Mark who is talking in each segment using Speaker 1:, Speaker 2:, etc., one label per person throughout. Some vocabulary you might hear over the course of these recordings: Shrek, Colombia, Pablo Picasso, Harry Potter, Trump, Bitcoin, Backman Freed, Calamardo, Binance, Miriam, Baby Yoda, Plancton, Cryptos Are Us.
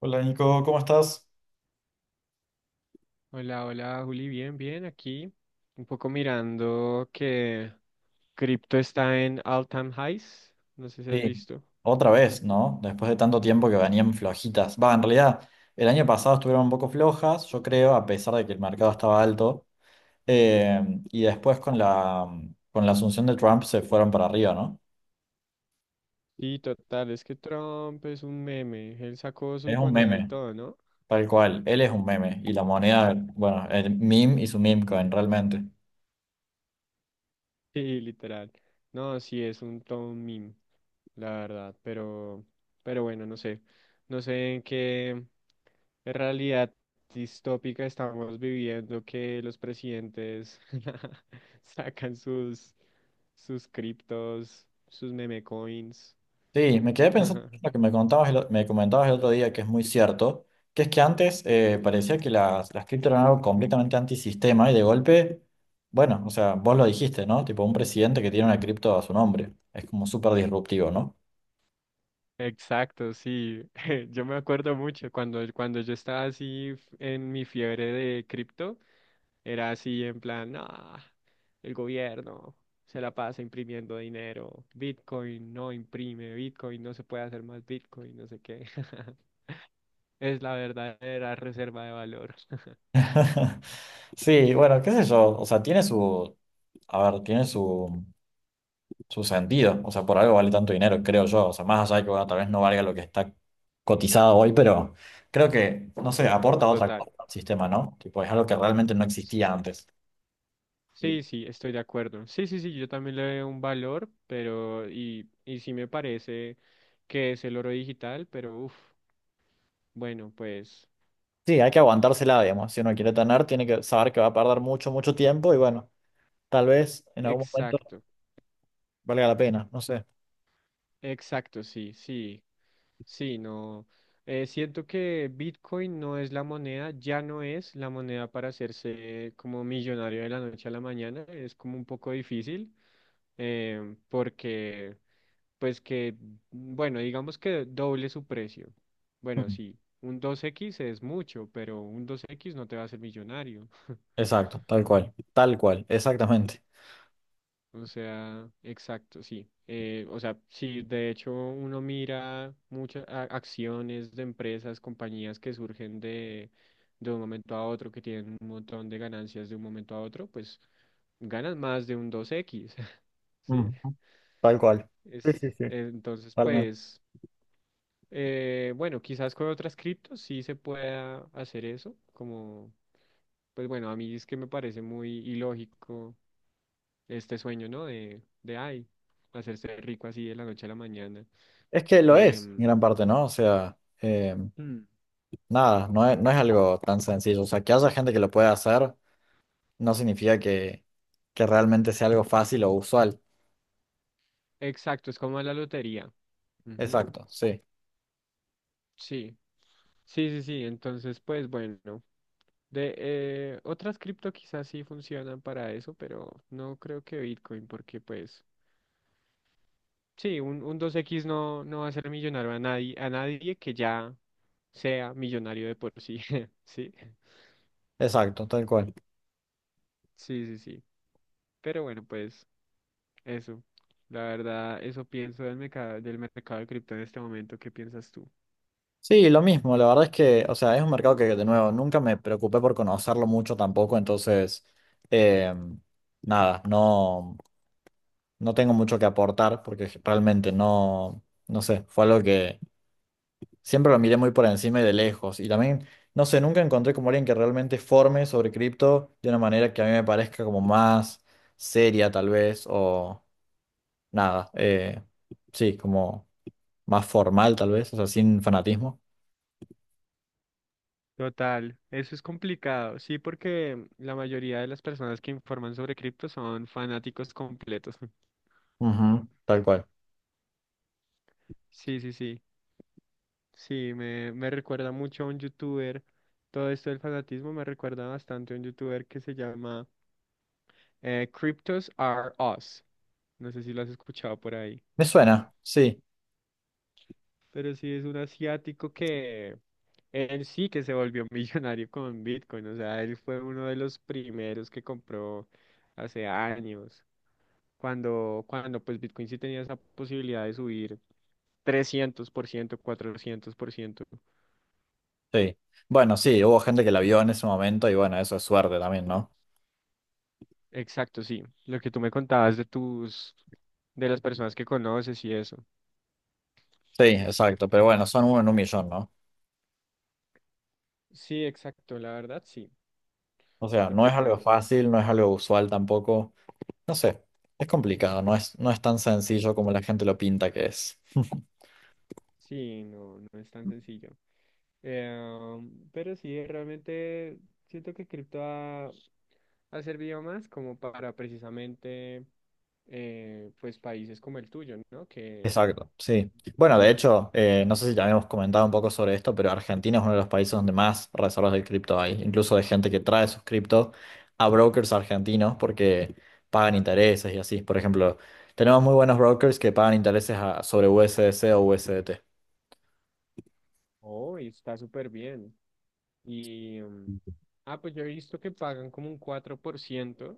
Speaker 1: Hola Nico, ¿cómo estás?
Speaker 2: Hola, hola, Juli, bien, bien, aquí un poco mirando que cripto está en all-time highs, no sé si has
Speaker 1: Sí,
Speaker 2: visto.
Speaker 1: otra vez, ¿no? Después de tanto tiempo que venían flojitas. Va, en realidad, el año pasado estuvieron un poco flojas, yo creo, a pesar de que el mercado estaba alto. Eh, y después con la asunción de Trump se fueron para arriba, ¿no?
Speaker 2: Sí, total, es que Trump es un meme, él sacó su
Speaker 1: Es un
Speaker 2: moneda y
Speaker 1: meme,
Speaker 2: todo, ¿no?
Speaker 1: tal cual. Él es un meme. Y la moneda, bueno, el meme y su meme coin, realmente.
Speaker 2: Sí, literal. No, sí, es un todo un meme, la verdad, pero bueno, no sé. No sé en qué realidad distópica estamos viviendo que los presidentes sacan sus criptos, sus meme coins.
Speaker 1: Sí, me quedé pensando en lo que me contabas me comentabas el otro día, que es muy cierto, que es que antes parecía que las cripto eran algo completamente antisistema y de golpe, bueno, o sea, vos lo dijiste, ¿no? Tipo un presidente que tiene una cripto a su nombre. Es como súper disruptivo, ¿no?
Speaker 2: Exacto, sí. Yo me acuerdo mucho cuando yo estaba así en mi fiebre de cripto. Era así en plan, "Ah, el gobierno se la pasa imprimiendo dinero, Bitcoin no imprime, Bitcoin no se puede hacer más Bitcoin, no sé qué. Es la verdadera reserva de valor."
Speaker 1: Sí, bueno, qué sé yo, o sea, a ver, tiene su sentido. O sea, por algo vale tanto dinero, creo yo. O sea, más allá de que, bueno, tal vez no valga lo que está cotizado hoy, pero creo que, no sé, aporta otra
Speaker 2: Total.
Speaker 1: cosa al sistema, ¿no? Tipo, es algo que realmente no
Speaker 2: Sí,
Speaker 1: existía antes.
Speaker 2: sí, sí, estoy de acuerdo. Sí, sí, sí, yo también le veo un valor, pero y sí me parece que es el oro digital, pero uff, bueno, pues
Speaker 1: Sí, hay que aguantársela, digamos. Si uno quiere tener, tiene que saber que va a perder mucho, mucho tiempo y bueno, tal vez en algún momento
Speaker 2: exacto,
Speaker 1: valga la pena, no sé.
Speaker 2: exacto, sí, sí. Sí, no. Siento que Bitcoin no es la moneda, ya no es la moneda para hacerse como millonario de la noche a la mañana. Es como un poco difícil porque, pues que, bueno, digamos que doble su precio. Bueno,
Speaker 1: Mm.
Speaker 2: sí, un 2x es mucho, pero un 2x no te va a hacer millonario.
Speaker 1: Exacto, tal cual, exactamente.
Speaker 2: O sea, exacto, sí. O sea, sí, de hecho uno mira muchas acciones de empresas, compañías que surgen de un momento a otro, que tienen un montón de ganancias de un momento a otro, pues ganan más de un 2x ¿sí?
Speaker 1: Ujú, tal cual. Sí,
Speaker 2: Es,
Speaker 1: sí, sí.
Speaker 2: entonces,
Speaker 1: Totalmente.
Speaker 2: pues, bueno, quizás con otras criptos sí se pueda hacer eso, como, pues bueno, a mí es que me parece muy ilógico este sueño, ¿no? De ay, hacerse rico así de la noche a la mañana.
Speaker 1: Es que lo es, en
Speaker 2: Em,
Speaker 1: gran parte, ¿no? O sea, eh,
Speaker 2: mm,
Speaker 1: nada, no es algo tan sencillo. O sea, que haya gente que lo pueda hacer no significa que realmente sea algo fácil o usual.
Speaker 2: exacto, es como la lotería. Ujú,
Speaker 1: Exacto, sí.
Speaker 2: sí, sí, sí, sí. Entonces, pues bueno, de otras cripto quizás sí funcionan para eso, pero no creo que Bitcoin, porque pues sí, un 2x no, no va a hacer millonario a nadie que ya sea millonario de por sí, sí.
Speaker 1: Exacto, tal cual.
Speaker 2: Sí, sí, sí. Pero bueno, pues. Eso, la verdad, eso pienso del mercado de cripto en este momento. ¿Qué piensas tú?
Speaker 1: Sí, lo mismo, la verdad es que, o sea, es un mercado que, de nuevo, nunca me preocupé por conocerlo mucho tampoco, entonces, eh, nada, no, no tengo mucho que aportar porque realmente no, no sé, fue algo que siempre lo miré muy por encima y de lejos, y también, no sé, nunca encontré como alguien que realmente forme sobre cripto de una manera que a mí me parezca como más seria tal vez, o nada, sí, como más formal tal vez, o sea, sin fanatismo,
Speaker 2: Total, eso es complicado. Sí, porque la mayoría de las personas que informan sobre cripto son fanáticos completos.
Speaker 1: ujú, tal cual.
Speaker 2: Sí, sí, sí. Sí, me recuerda mucho a un youtuber. Todo esto del fanatismo me recuerda bastante a un youtuber que se llama Cryptos Are Us. No sé si lo has escuchado por ahí.
Speaker 1: Me suena, sí,
Speaker 2: Pero sí es un asiático que él sí que se volvió millonario con Bitcoin. O sea, él fue uno de los primeros que compró hace años. Cuando pues Bitcoin sí tenía esa posibilidad de subir 300% 400%.
Speaker 1: sí. Bueno, sí, hubo gente que la vio en ese momento y bueno, eso es suerte también, ¿no?
Speaker 2: Exacto, sí. Lo que tú me contabas de tus, de las personas que conoces y eso.
Speaker 1: Sí, exacto, pero bueno, son uno en un millón, ¿no?
Speaker 2: Sí, exacto, la verdad, sí.
Speaker 1: O sea,
Speaker 2: Y
Speaker 1: no es
Speaker 2: pues
Speaker 1: algo
Speaker 2: bueno,
Speaker 1: fácil, no es algo usual tampoco. No sé, es complicado, no es tan sencillo como la gente lo pinta que es.
Speaker 2: sí, no, no es tan sencillo. Eh, pero sí, realmente siento que cripto ha, ha servido más como para precisamente pues países como el tuyo, ¿no? Que
Speaker 1: Exacto, sí. Bueno, de
Speaker 2: necesitan...
Speaker 1: hecho, no sé si ya habíamos comentado un poco sobre esto, pero Argentina es uno de los países donde más reservas de cripto hay, incluso de gente que trae sus criptos a brokers argentinos porque pagan intereses y así. Por ejemplo, tenemos muy buenos brokers que pagan intereses sobre USDC o USDT.
Speaker 2: Oh, y está súper bien. Y... mm, Ah, pues yo he visto que pagan como un 4%.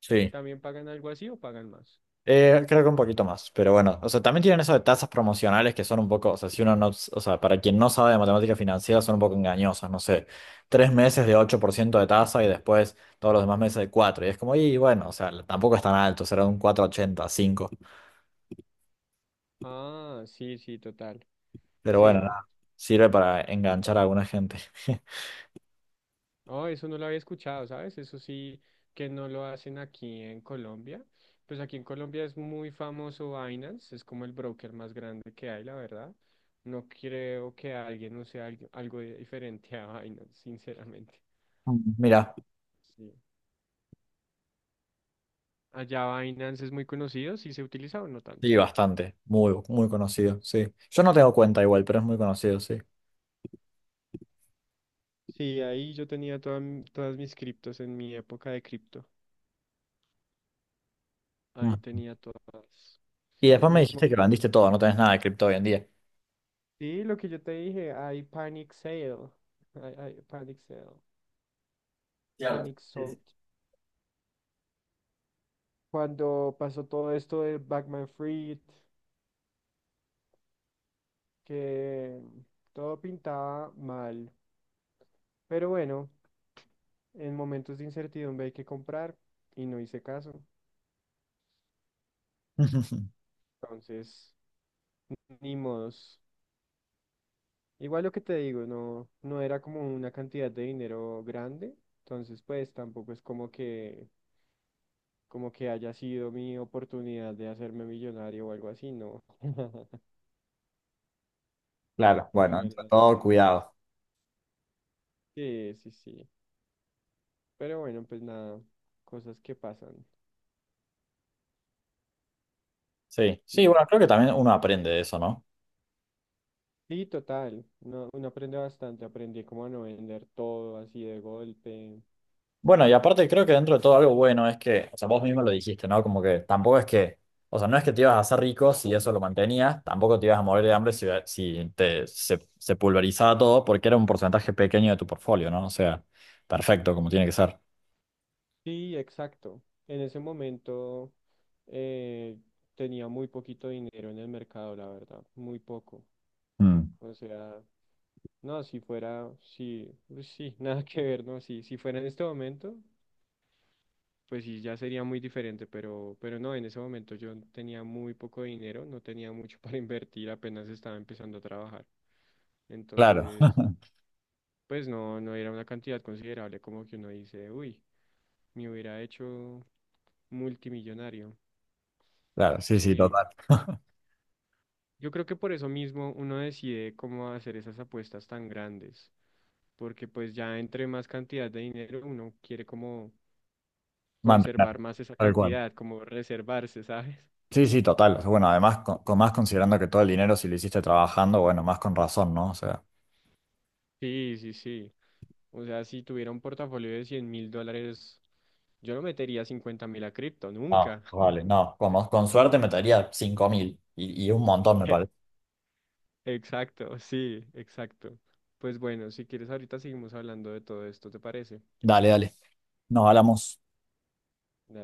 Speaker 1: Sí.
Speaker 2: ¿También pagan algo así o pagan más?
Speaker 1: Creo que un poquito más, pero bueno, o sea, también tienen eso de tasas promocionales que son un poco, o sea, si uno no, o sea, para quien no sabe de matemática financiera son un poco engañosas, no sé, 3 meses de 8% de tasa y después todos los demás meses de 4 y es como, y bueno, o sea, tampoco es tan alto, será un 4,85,
Speaker 2: Ah, sí, sí, total.
Speaker 1: pero bueno,
Speaker 2: Sí.
Speaker 1: nada, sirve para enganchar a alguna gente.
Speaker 2: Oh, eso no lo había escuchado, ¿sabes? Eso sí que no lo hacen aquí en Colombia. Pues aquí en Colombia es muy famoso Binance, es como el broker más grande que hay, la verdad. No creo que alguien use algo diferente a Binance, sinceramente.
Speaker 1: Mira,
Speaker 2: Sí. Allá Binance es muy conocido, sí se utiliza o no tanto.
Speaker 1: sí, bastante, muy, muy conocido, sí. Yo no tengo cuenta igual, pero es muy conocido, sí.
Speaker 2: Sí, ahí yo tenía toda todas mis criptos en mi época de cripto. Ahí
Speaker 1: Mm.
Speaker 2: tenía todas
Speaker 1: Y después me
Speaker 2: mis
Speaker 1: dijiste
Speaker 2: monedas.
Speaker 1: que vendiste todo, no tenés nada de cripto hoy en día.
Speaker 2: Sí, lo que yo te dije, hay panic sale. Hay panic sale.
Speaker 1: Claro.
Speaker 2: Panic
Speaker 1: Sí, sí.
Speaker 2: salt. Cuando pasó todo esto de Backman Freed, que todo pintaba mal. Pero bueno, en momentos de incertidumbre hay que comprar y no hice caso. Entonces, ni modos. Igual lo que te digo, no, no era como una cantidad de dinero grande. Entonces, pues tampoco es como que haya sido mi oportunidad de hacerme millonario o algo así, no.
Speaker 1: Claro,
Speaker 2: La
Speaker 1: bueno, entre
Speaker 2: verdad.
Speaker 1: todo, cuidado.
Speaker 2: Sí, sí, sí. Pero bueno, pues nada, cosas que pasan.
Speaker 1: Sí, sí,
Speaker 2: Sí,
Speaker 1: bueno, creo que también uno aprende de eso, ¿no?
Speaker 2: sí, total. Uno, uno aprende bastante. Aprendí como a no vender todo así de golpe.
Speaker 1: Bueno, y aparte creo que dentro de todo algo bueno es que, o sea, vos mismo lo dijiste, ¿no? Como que tampoco es que, o sea, no es que te ibas a hacer rico si eso lo mantenías, tampoco te ibas a morir de hambre si se pulverizaba todo, porque era un porcentaje pequeño de tu portfolio, ¿no? O sea, perfecto, como tiene que ser.
Speaker 2: Sí, exacto. En ese momento eh, tenía muy poquito dinero en el mercado, la verdad. Muy poco.
Speaker 1: Mm,
Speaker 2: O sea, no, si fuera, sí, sí, nada que ver, no, sí, si fuera en este momento. Pues sí, ya sería muy diferente, pero no, en ese momento yo tenía muy poco dinero, no tenía mucho para invertir, apenas estaba empezando a trabajar.
Speaker 1: claro,
Speaker 2: Entonces, pues no, no era una cantidad considerable como que uno dice, uy, me hubiera hecho multimillonario.
Speaker 1: claro, sí, sí,
Speaker 2: Sí,
Speaker 1: total.
Speaker 2: yo creo que por eso mismo uno decide cómo hacer esas apuestas tan grandes, porque pues ya entre más cantidad de dinero uno quiere como
Speaker 1: Mantener,
Speaker 2: conservar más esa
Speaker 1: tal cual.
Speaker 2: cantidad, como reservarse, ¿sabes?
Speaker 1: Sí, sí, total. Bueno, además, con más considerando que todo el dinero si lo hiciste trabajando, bueno, más con razón, ¿no? O sea,
Speaker 2: Sí, sí, sí. O sea, si tuviera un portafolio de $100.000, yo no metería 50.000 a cripto,
Speaker 1: no,
Speaker 2: nunca.
Speaker 1: vale, no, como, con suerte metería 5.000 y un montón, me parece.
Speaker 2: Exacto, sí, exacto. Pues bueno, si quieres ahorita seguimos hablando de todo esto, ¿te parece?
Speaker 1: Dale, dale. Nos hablamos.